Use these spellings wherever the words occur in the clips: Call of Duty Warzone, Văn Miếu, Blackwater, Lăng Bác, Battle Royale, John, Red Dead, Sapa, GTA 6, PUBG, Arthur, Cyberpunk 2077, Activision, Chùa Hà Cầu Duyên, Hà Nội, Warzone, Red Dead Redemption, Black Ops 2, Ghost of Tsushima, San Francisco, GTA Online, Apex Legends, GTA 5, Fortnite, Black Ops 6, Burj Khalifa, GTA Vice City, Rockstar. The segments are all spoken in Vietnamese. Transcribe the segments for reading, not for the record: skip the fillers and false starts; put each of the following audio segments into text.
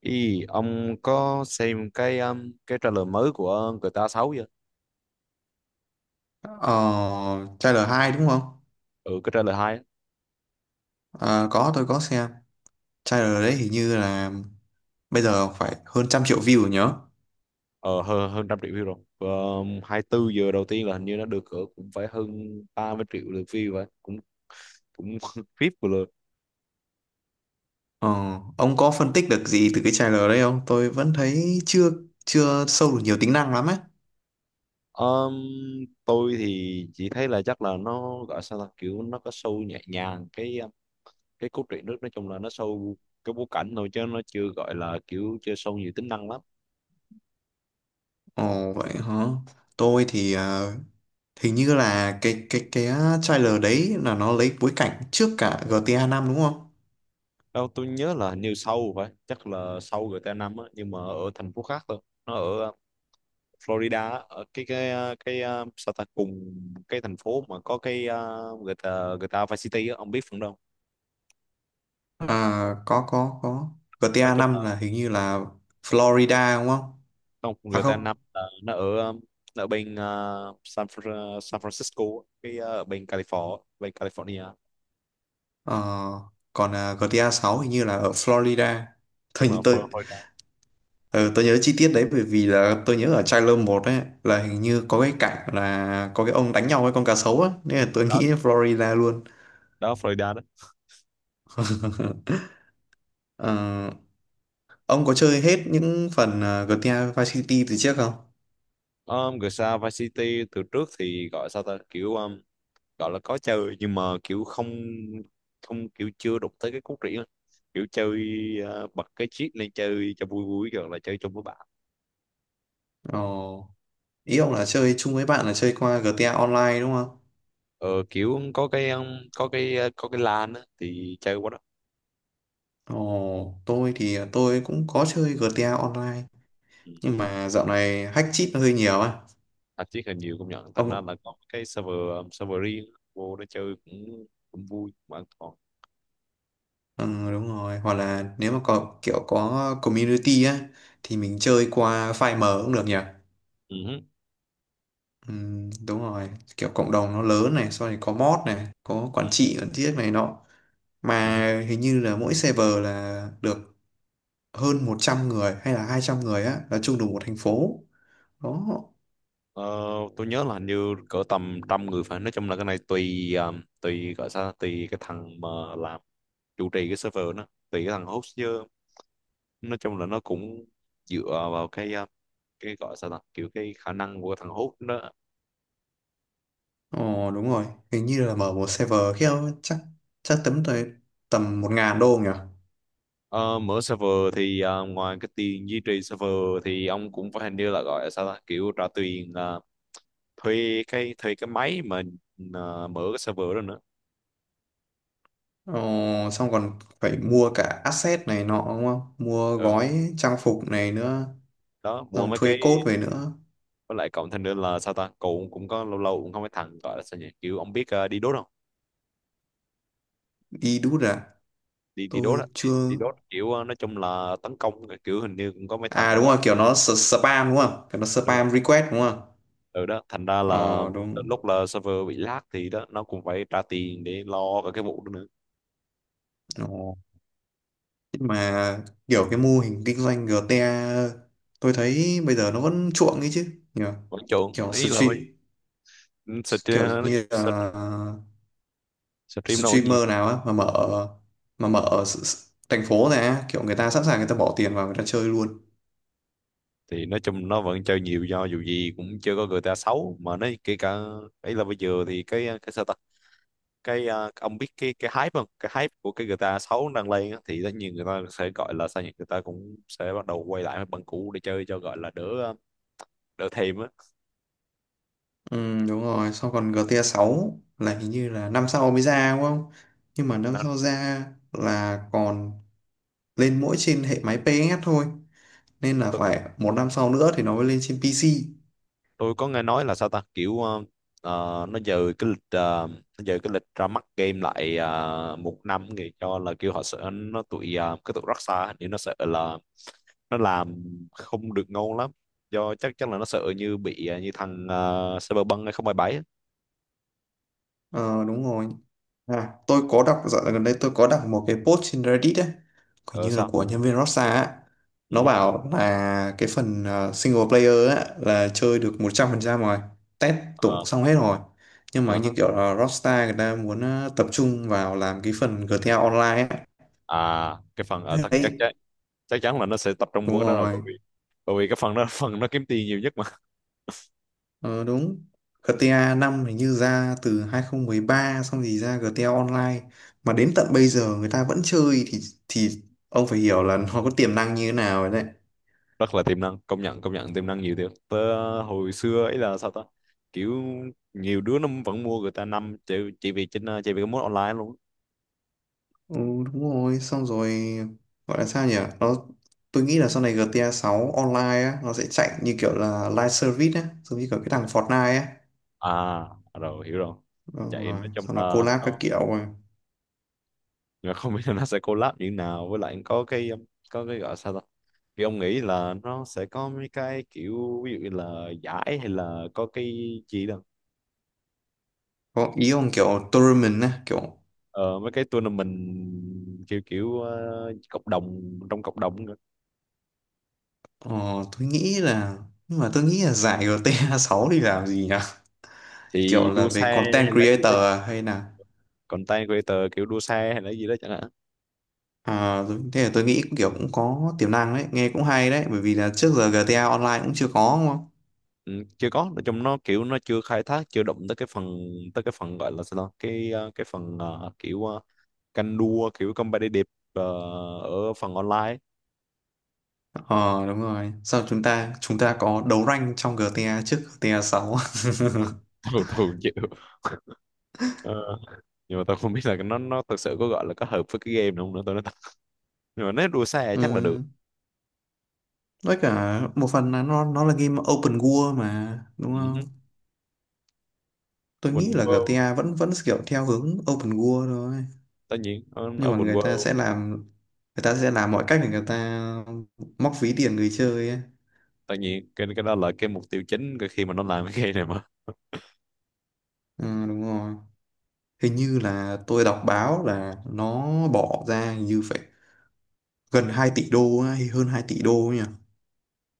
Ý, ông có xem cái trailer mới của GTA 6 chưa? Ờ, trailer 2 đúng không? Ừ, cái trailer 2 á. Ờ, có tôi có xem. Trailer đấy hình như là bây giờ phải hơn 100 triệu view rồi nhớ. Ờ, hơn 100 triệu view rồi. Và 24 giờ đầu tiên là hình như nó được cỡ cũng phải hơn 30 triệu lượt view vậy. Cũng cũng VIP của lượt. Ờ, ông có phân tích được gì từ cái trailer đấy không? Tôi vẫn thấy chưa chưa sâu được nhiều tính năng lắm ấy. Um, tôi thì chỉ thấy là chắc là nó gọi sao ta, kiểu nó có show nhẹ nhàng cái cốt truyện nước, nói chung là nó show cái bối cảnh thôi chứ nó chưa gọi là kiểu chưa show nhiều tính năng lắm Ồ vậy hả? Tôi thì hình như là cái trailer đấy là nó lấy bối cảnh trước cả GTA 5 đúng không? đâu. Tôi nhớ là hình như sâu phải chắc là sâu GTA 5 á, nhưng mà ở thành phố khác thôi. Nó ở Florida á, ở cái sao ta, cùng cái thành phố mà có cái GTA GTA Vice City á, ông biết phần đâu. À, có có. Nói GTA chung 5 là là hình như là Florida đúng không? không, À GTA không. 5 là nó ở ở bên San Francisco á, ở bên California Ờ, còn GTA 6 hình như là ở Florida. Thôi đúng là như tôi Florida ờ, tôi nhớ chi tiết đấy bởi vì là tôi nhớ ở trailer 1 ấy là hình như có cái cảnh là có cái ông đánh nhau với con cá sấu á nên là tôi đó, nghĩ Florida luôn. Florida đó. Ờ, ông có chơi hết những phần GTA Vice City từ trước không? GTA Vice City từ trước thì gọi sao ta, kiểu gọi là có chơi nhưng mà kiểu không không kiểu chưa đụng tới cái cốt truyện á. Kiểu chơi, bật cái cheat lên chơi cho vui vui rồi là chơi chung với bạn. Ồ, ý ông là chơi chung với bạn là chơi qua GTA Online đúng không? Ờ, Kiểu có cái ờ, có cái LAN á, thì chơi quá đó. Ồ, tôi thì tôi cũng có chơi GTA Online Ừ. nhưng mà dạo này hack cheat nó hơi nhiều á. Tạp chí hình nhiều công nhận, thành ra Ông. là có cái server server riêng vô đó chơi cũng cũng vui mà an toàn. Ừ, đúng rồi, hoặc là nếu mà có kiểu có community á thì mình chơi qua file mở cũng được nhỉ. Ừ hứ. Ừ, đúng rồi, kiểu cộng đồng nó lớn này, sau này có mod này, có quản trị quản tiết này nọ, Ừ hứ. mà hình như là mỗi server là được hơn 100 người hay là 200 người á, là chung đủ một thành phố đó. Ờ, tôi nhớ là hình như cỡ tầm trăm người, phải nói chung là cái này tùy tùy, gọi sao, tùy cái thằng mà làm chủ trì cái server, nó tùy cái thằng host chứ. Nói chung là nó cũng dựa vào cái gọi sao ta, kiểu cái khả năng của thằng Hút đó. Ồ, đúng rồi, hình như là mở một server kia chắc chắc tấm tới tầm 1.000 đô nhỉ. Ờ, mở server thì ngoài cái tiền duy trì server thì ông cũng phải, hình như là gọi là sao ta, kiểu trả tiền thuê cái máy mà mở cái server đó nữa. Ờ, xong còn phải mua cả asset này nọ đúng không? Mua Ừ, gói trang phục này nữa, đó mua xong mấy thuê cái. code về nữa. Với lại cộng thêm nữa là sao ta, cậu cũng có lâu lâu cũng không, mấy thằng gọi là sao nhỉ, kiểu ông biết đi đốt không? Đi đút à? Đi đi đốt á, Tôi đi, chưa... đi đốt kiểu nói chung là tấn công, kiểu hình như cũng có mấy À thằng đúng gọi. rồi, kiểu nó spam đúng không? Kiểu nó Đúng rồi, spam request đúng không? ừ, đó thành ra là Ờ đúng. đến lúc là server bị lag thì đó, nó cũng phải trả tiền để lo cả cái vụ đó nữa. Ồ. Nhưng mà kiểu cái mô hình kinh doanh GTA tôi thấy bây giờ nó vẫn chuộng ấy chứ. Nhờ. Vẫn chuộng, Kiểu ý là stream, phải kiểu stream. như là Stream nó vẫn nhiều streamer nào á mà mở ở thành phố này á, kiểu người ta sẵn sàng, người ta bỏ tiền vào, người ta chơi luôn. thì nói chung nó vẫn chơi nhiều, do dù gì cũng chưa có GTA 6 mà. Nó kể cả ấy là bây giờ thì cái sao ta, ông biết cái hype không, cái hype của cái GTA 6 đang lên á, thì tất nhiên người ta sẽ gọi là sao nhỉ, người ta cũng sẽ bắt đầu quay lại bằng cũ để chơi cho gọi là đỡ đỡ thèm á. Ừ, đúng rồi, xong còn GTA 6 là hình như là năm sau mới ra đúng không, nhưng mà năm Nên sau ra là còn lên mỗi trên hệ máy PS thôi, nên là tôi phải một năm sau nữa thì nó mới lên trên PC. tôi có nghe nói là sao ta, kiểu nó dời cái lịch, nó dời cái lịch ra mắt game lại một năm, thì cho là kêu họ sợ nó tụi cái tụi Rockstar, hình như nó sợ là nó làm không được ngon lắm, do chắc chắn là nó sợ như bị như thằng Cyberpunk 2077 ấy. Ờ đúng rồi. À, tôi có đọc dạo gần đây tôi có đọc một cái post trên Reddit ấy, hình Ờ như là sao? của nhân viên Rockstar á. Nó Ừ. bảo là cái phần single player á, là chơi được 100% rồi, test Ờ. tụng xong hết rồi. Nhưng mà Ờ hả. như kiểu là Rockstar người ta muốn tập trung vào làm cái phần GTA Online ấy. À cái phần ờ, chắc chắc Đấy, chắc chắc chắn là nó sẽ tập trung vào đúng cái đó rồi, bởi rồi. vì cái phần đó là phần nó kiếm tiền nhiều nhất. Ờ, đúng. GTA 5 hình như ra từ 2013, xong thì ra GTA Online, mà đến tận bây giờ người ta vẫn chơi thì ông phải hiểu là nó có tiềm năng như thế nào rồi đấy. Rất là tiềm năng, công nhận, tiềm năng nhiều thiệt tớ. Hồi xưa ấy là sao ta, kiểu nhiều đứa nó vẫn mua người ta năm chỉ vì trên chỉ vì cái mốt online luôn. Ừ, đúng rồi, xong rồi gọi là sao nhỉ, nó tôi nghĩ là sau này GTA 6 online á nó sẽ chạy như kiểu là live service á, giống như kiểu cái thằng Fortnite á. À rồi, hiểu rồi. Đúng Chạy, rồi, nói chung xong nó là collab các nó, kiểu rồi. nhưng mà không biết là nó sẽ collab như thế nào. Với lại có cái gọi sao ta, thì ông nghĩ là nó sẽ có mấy cái kiểu, ví dụ như là giải hay là có cái gì đó. Có ý ông kiểu tournament á kiểu... Ờ, Mấy cái tournament kiểu kiểu cộng đồng, trong cộng đồng nữa. ờ, tôi nghĩ là nhưng mà tôi nghĩ là giải GTA 6 thì làm gì nhỉ, kiểu Thì là đua xe về content hay là gì đó, creator à, hay là... content creator kiểu đua xe hay là gì đó chẳng hạn. À, thế là tôi nghĩ kiểu cũng có tiềm năng đấy, nghe cũng hay đấy, bởi vì là trước giờ GTA online cũng chưa có. Ừ, chưa có, nói chung nó kiểu nó chưa khai thác, chưa động tới cái phần gọi là sao ta? Cái phần canh đua kiểu competitive ở phần online. Ờ đúng rồi. Sao chúng ta có đấu rank trong GTA trước GTA 6 Tôi chịu. Ờ, nhưng mà tôi không biết là nó thực sự có gọi là có hợp với cái game này không nữa, tôi nói thật. Nhưng mà nếu đua xe chắc là được. ừ. Với cả một phần là nó là game open world mà đúng Ừ không? hứ. Tôi nghĩ Open là World, GTA vẫn vẫn kiểu theo hướng open world thôi. tất nhiên Nhưng mà Open người ta World. sẽ làm người ta sẽ làm mọi cách để người ta móc ví tiền người chơi ấy. Tất nhiên cái đó là cái mục tiêu chính, cái khi mà nó làm cái game này mà. Ừ, đúng rồi. Hình như là tôi đọc báo là nó bỏ ra hình như phải gần 2 tỷ đô á, hay hơn 2 tỷ đô nhỉ.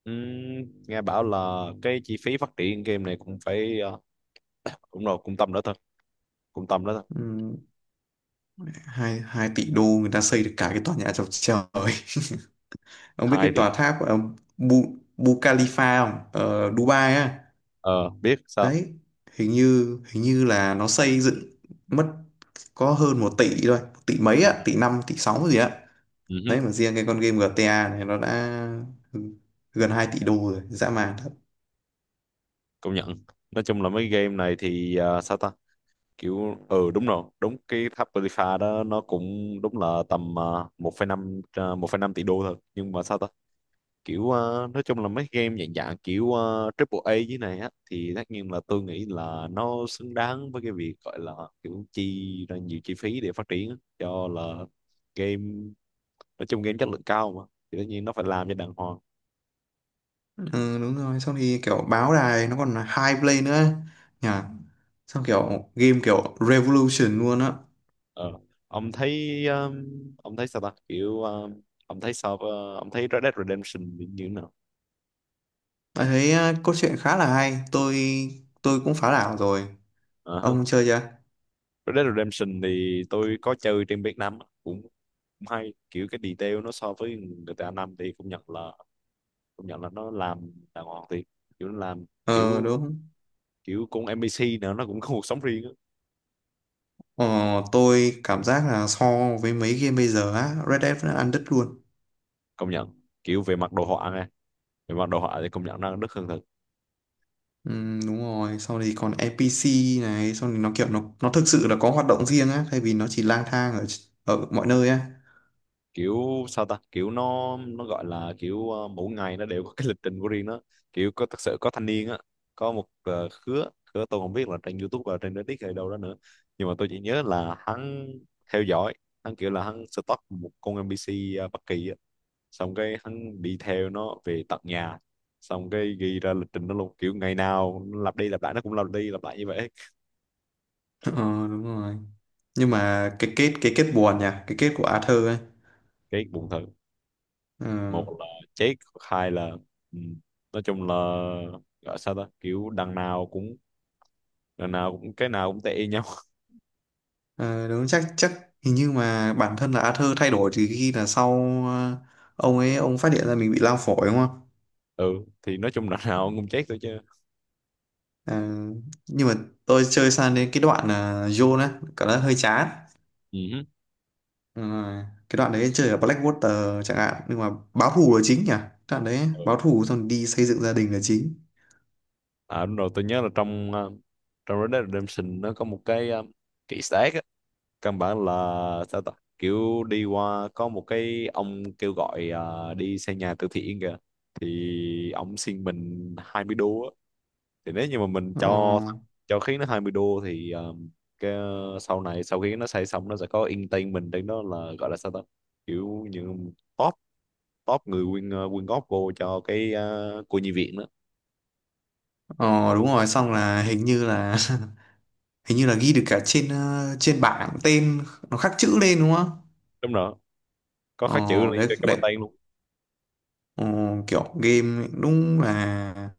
Nghe bảo là cái chi phí phát triển game này cũng phải cũng rồi cung tâm đó thật, cung tâm đó thật Ừ, hai hai tỷ đô người ta xây được cả cái tòa nhà chọc trời ông biết hai cái tỷ. tòa tháp Bu Khalifa không, ở Dubai á. Ờ biết sao. Đấy, hình như là nó xây dựng mất có hơn 1 tỷ thôi, 1 tỷ mấy Ừ á, tỷ năm tỷ sáu gì á. ừ hứ. Đấy, mà riêng cái con game GTA này nó đã gần 2 tỷ đô rồi, dã man thật. Công nhận, nói chung là mấy game này thì à, sao ta, kiểu ừ đúng rồi, đúng cái tháp Potiphar đó nó cũng đúng là tầm 1,5, 1,5 tỷ đô thôi. Nhưng mà sao ta, kiểu à, nói chung là mấy game dạng dạng kiểu triple A dưới này á, thì tất nhiên là tôi nghĩ là nó xứng đáng với cái việc gọi là kiểu chi ra nhiều chi phí để phát triển á. Cho là game, nói chung game chất lượng cao mà, thì tất nhiên nó phải làm cho đàng hoàng. Ừ, đúng rồi, xong thì kiểu báo đài nó còn là high play nữa nhà. Xong kiểu game kiểu revolution luôn á. Ờ. Ông thấy um, ông thấy sao ta, kiểu ông thấy Red Dead Redemption thì như thế nào? Bạn thấy à, cốt truyện khá là hay. Tôi cũng phá đảo rồi. Ờ ha. Ông chơi chưa? Red Dead Redemption thì tôi có chơi trên Việt Nam á, cũng, cũng hay, kiểu cái detail nó so với GTA 5 thì cũng nhận là nó làm đàng hoàng. Thì kiểu nó làm, Ờ kiểu đúng. kiểu con NPC nữa, nó cũng có cuộc sống riêng á. Ờ, tôi cảm giác là so với mấy game bây giờ á, Red Dead vẫn ăn đứt luôn. Công nhận, kiểu về mặt đồ họa nghe, về mặt đồ họa thì công nhận nó rất hơn. Ừ, đúng rồi. Sau thì còn NPC này, sau thì nó kiểu nó thực sự là có hoạt động riêng á, thay vì nó chỉ lang thang ở ở mọi nơi á. Kiểu sao ta, kiểu nó gọi là kiểu mỗi ngày nó đều có cái lịch trình của riêng nó. Kiểu có thật sự, có thanh niên á, có một khứa khứa, tôi không biết là trên YouTube và trên Reddit hay đâu đó nữa, nhưng mà tôi chỉ nhớ là hắn theo dõi. Hắn kiểu là hắn stalk một con NPC bất kỳ á, xong cái hắn đi theo nó về tận nhà, xong cái ghi ra lịch trình nó luôn, kiểu ngày nào lặp đi lặp lại, nó cũng lặp đi lặp lại như vậy. Ờ đúng rồi. Nhưng mà cái kết buồn nhỉ, cái kết của Arthur ấy. Cái buồn thật. Ờ. Một là chết, hai là, ừ, nói chung là gọi sao ta, kiểu đằng nào cũng, cái nào cũng tệ y nhau. Ờ, đúng, chắc chắc hình như mà bản thân là Arthur thay đổi từ khi là sau ờ, ông phát hiện ra mình bị lao phổi đúng không? Ừ thì nói chung đằng nào cũng chết thôi chứ. Ờ, nhưng mà tôi chơi sang đến cái đoạn là John á cảm giác hơi chán. Ừ hứ. Ờ, cái đoạn đấy chơi ở Blackwater chẳng hạn, nhưng mà báo thù là chính nhỉ? Đoạn đấy báo thù xong đi xây dựng gia đình là chính. À đúng rồi, tôi nhớ là trong trong Red Dead Redemption nó có một cái kỹ stack á, căn bản là sao ta, kiểu đi qua có một cái ông kêu gọi đi xây nhà từ thiện kìa, thì ông xin mình 20 đô á. Thì nếu như mà mình Ờ, cho khiến nó 20 đô thì cái sau này, sau khi nó xây xong nó sẽ có entertainment trên đó, là gọi là sao ta, kiểu như top top người quyên, quyên góp vô cho cái cô nhi viện đó. ờ, đúng rồi, xong là hình như là hình như là ghi được cả trên trên bảng tên, nó khắc chữ lên đúng không? Đúng rồi, có khắc chữ Ờ, lên đấy, cho cái đấy. bàn tay luôn. Ờ, kiểu game đúng là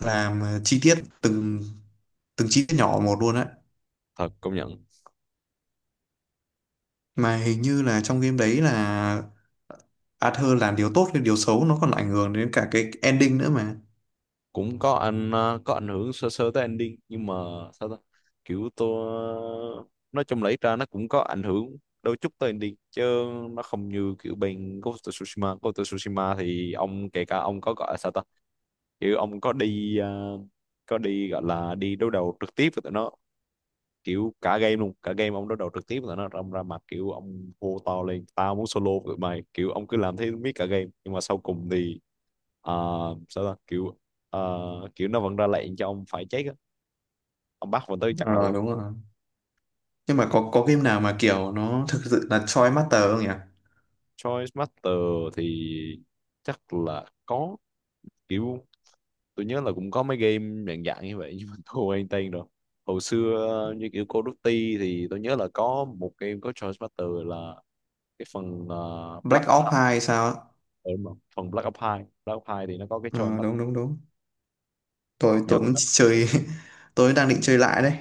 làm chi tiết từng từng chi tiết nhỏ một luôn đấy, Thật, công nhận. mà hình như là trong game đấy là Arthur làm điều tốt hay điều xấu nó còn ảnh hưởng đến cả cái ending nữa mà. Cũng có anh, có ảnh hưởng sơ sơ tới ending nhưng mà sao ta, kiểu tôi nói chung lấy ra, nó cũng có ảnh hưởng đôi chút tới ending chứ. Nó không như kiểu bên Ghost of Tsushima. Ghost of Tsushima thì ông kể cả ông có gọi là sao ta, kiểu ông có đi có đi gọi là đi đối đầu trực tiếp với tụi nó, kiểu cả game luôn, cả game ông đối đầu trực tiếp với tụi nó, ông ra mặt kiểu ông hô to lên "tao muốn solo với tụi mày", kiểu ông cứ làm thế miết cả game, nhưng mà sau cùng thì ờ, sao ta, kiểu kiểu nó vẫn ra lệnh cho ông phải chết á, ông bắt vào tới chặt đầu Ờ ông. đúng rồi. Nhưng mà có game nào mà kiểu nó thực sự là choi master không nhỉ. Choice Master thì chắc là có, kiểu tôi nhớ là cũng có mấy game dạng dạng như vậy, nhưng mà tôi quên tên rồi. Hồi xưa như kiểu Call of Duty thì tôi nhớ là có một game có choice battle là cái phần Black Black Ops 2 Ops, hay sao á? đúng không? Phần Black Ops 2 thì nó có cái choice Ờ, battle. đúng đúng đúng, tôi Nhờ- tôi cũng chơi. Tôi đang định chơi lại đấy.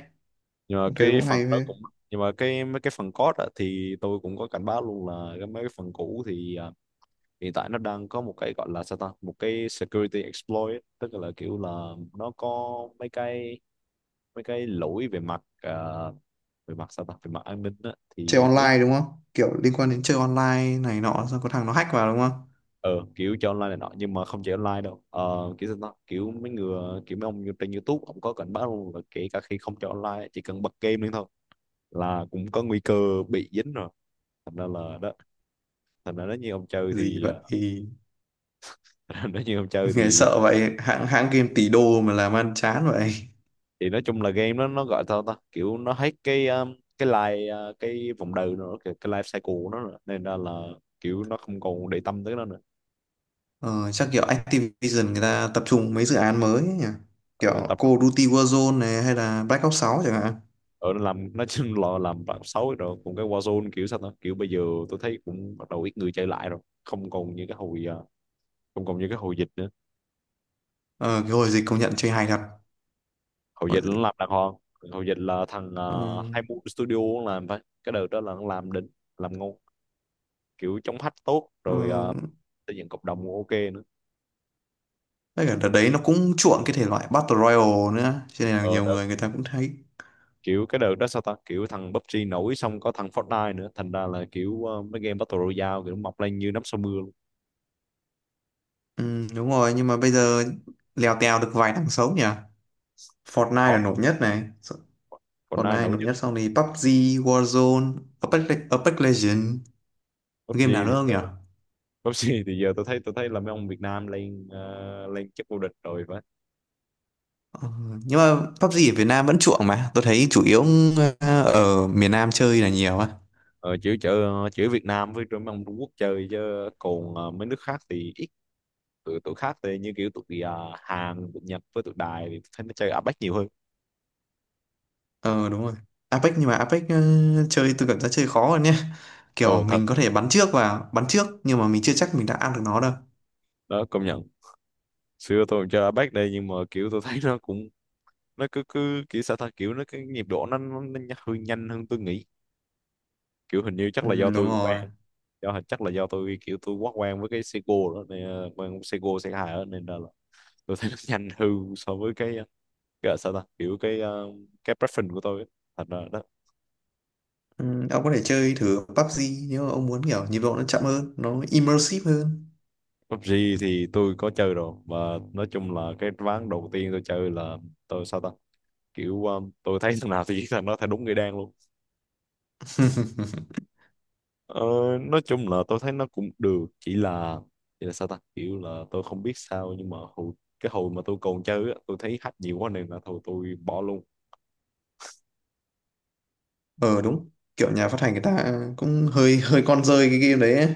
nhưng mà Tôi cái cũng phần hay đó phết. cũng, nhưng mà mấy cái phần code á, thì tôi cũng có cảnh báo luôn là mấy cái phần cũ thì hiện tại nó đang có một cái gọi là sao ta một cái security exploit ấy. Tức là kiểu là nó có mấy cái mấy cái lỗi về mặt về mặt sao ta về mặt an ninh á, Chơi thì nếu online đúng không, kiểu liên quan đến chơi online này nọ, sao có thằng nó hack vào đúng không? ờ, kiểu cho online này nọ, nhưng mà không chỉ online đâu. Ờ, kiểu sao ta kiểu mấy người, kiểu mấy ông trên YouTube ông có cảnh báo luôn là kể cả khi không cho online, chỉ cần bật game lên thôi là cũng có nguy cơ bị dính rồi. Thành ra là đó, thành ra nếu như ông chơi Gì thì vậy? ờ, nếu như ông chơi Nghe sợ vậy, hãng hãng game tỷ đô mà làm ăn chán vậy. thì nói chung là game nó gọi sao ta kiểu nó hết cái life cái vòng đời nó, cái life cycle của nó nữa, nên ra là kiểu nó không còn để tâm tới nó nữa. Ờ, chắc kiểu Activision người ta tập trung mấy dự án mới ấy nhỉ, Ở kiểu tập, Call of Duty Warzone này hay là Black Ops 6 chẳng hạn. ở nó làm nó chung là làm bạn xấu rồi. Còn cái Warzone, kiểu sao ta kiểu bây giờ tôi thấy cũng bắt đầu ít người chơi lại rồi, không còn như cái hồi không còn như cái hồi dịch nữa. Ờ, cái hồi dịch công nhận chơi hay thật, Hồi hồi dịch nó dịch. làm đàng hoàng, hồi dịch là thằng Ờ, hai mươi studio nó làm phải, cái đợt đó là nó làm đỉnh, làm ngon, kiểu chống hack tốt ờ, rồi, xây dựng cộng đồng cũng ok nữa. tất cả đợt đấy nó cũng chuộng cái thể loại Battle Royale nữa, cho nên là Ờ nhiều đợt người người ta cũng thấy. Kiểu cái đợt đó sao ta kiểu thằng PUBG nổi, xong có thằng Fortnite nữa, thành ra là kiểu ờ, mấy game Battle Royale kiểu mọc lên như nắm sau mưa luôn. Ừ, đúng rồi, nhưng mà bây giờ lèo tèo được vài thằng sống nhỉ. Fortnite Khó, là nổi nhất này. còn Còn ai ai nổi nổi nhất. nhất sau này, PUBG, Warzone, Apex, Apex Legends. Game nào nữa PUBG không thì nhỉ? Cúp C thì giờ tôi thấy là mấy ông Việt Nam lên lên chức vô địch rồi phải. Ờ, nhưng mà PUBG ở Việt Nam vẫn chuộng mà. Tôi thấy chủ yếu ở miền Nam chơi là nhiều á. Ờ, chữ Việt Nam với mấy ông Trung Quốc chơi, chứ còn ờ, mấy nước khác thì ít. Tụi tụi khác thì như kiểu tụi ờ, Hàn, tụi Nhật với tụi Đài thì tôi thấy nó chơi APEC nhiều hơn. Ờ đúng rồi. Apex, nhưng mà Apex chơi tôi cảm giác chơi khó hơn nhé. Ờ Kiểu thật, mình có thể bắn trước nhưng mà mình chưa chắc mình đã ăn được nó đâu. đó công nhận. Xưa tôi cũng chơi APEC đây, nhưng mà kiểu tôi thấy nó cũng, nó cứ cứ kiểu sao ta kiểu nó cái nhịp độ nó hơi nhanh hơn tôi nghĩ. Kiểu hình như chắc là do Ừ đúng tôi rồi. quen, chắc là do tôi kiểu tôi quá quen với cái Seiko đó nên ờ, quen Seiko C2 đó nên là tôi thấy nó nhanh hư so với cái gọi là sao ta kiểu cái ờ, cái preference của tôi ấy. Thành ra đó. Ừ, ông có thể chơi thử PUBG, nếu mà ông muốn kiểu nhịp độ nó chậm hơn, nó immersive hơn. PUBG thì tôi có chơi rồi, mà nói chung là cái ván đầu tiên tôi chơi là tôi sao ta kiểu ờ, tôi thấy thằng nào thì giết thằng đó, thấy đúng người đen luôn. Ờ, nói chung là tôi thấy nó cũng được, chỉ là sao ta kiểu là tôi không biết sao, nhưng mà hồi, cái hồi mà tôi còn chơi á, tôi thấy hack nhiều quá nên là thôi tôi bỏ luôn. Ờ đúng, kiểu nhà phát hành người ta cũng hơi hơi con rơi cái game đấy ấy.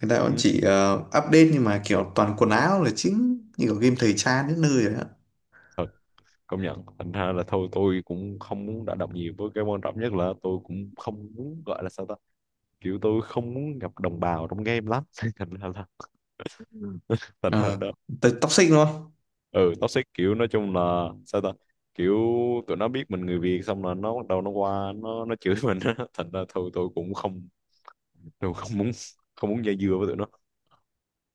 Người ta vẫn Ừ. chỉ update nhưng mà kiểu toàn quần áo là chính, như kiểu game thời trang đến nơi rồi ạ. Thật, công nhận. Thành ra là thôi tôi cũng không muốn đả động nhiều với cái, quan trọng nhất là tôi cũng không muốn gọi là sao ta kiểu tôi không muốn gặp đồng bào trong game lắm. Thành ra là thành ra là Ờ đó. tới toxic luôn. Ừ, toxic, kiểu nói chung là sao ta kiểu tụi nó biết mình người Việt xong là nó bắt đầu nó qua nó chửi mình á. Thành ra thôi tôi cũng không muốn không muốn dây dưa với tụi nó.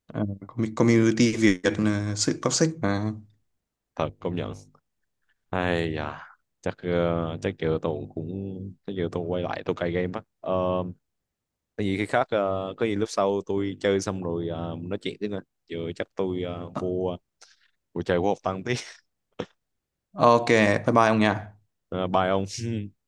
Ờ, community Việt sự toxic mà. Thật, công nhận. Ai da, chắc giờ tôi cũng, chắc giờ tôi quay lại tôi cài game á. Ờ, có gì khi khác, ờ, có gì lúc sau tôi chơi xong rồi ờ, nói chuyện tiếp nè. Giờ chắc tôi ờ, vô vô chơi vô học tăng tí. Ok, bye bye ông nhỉ. Ờ, bye ông.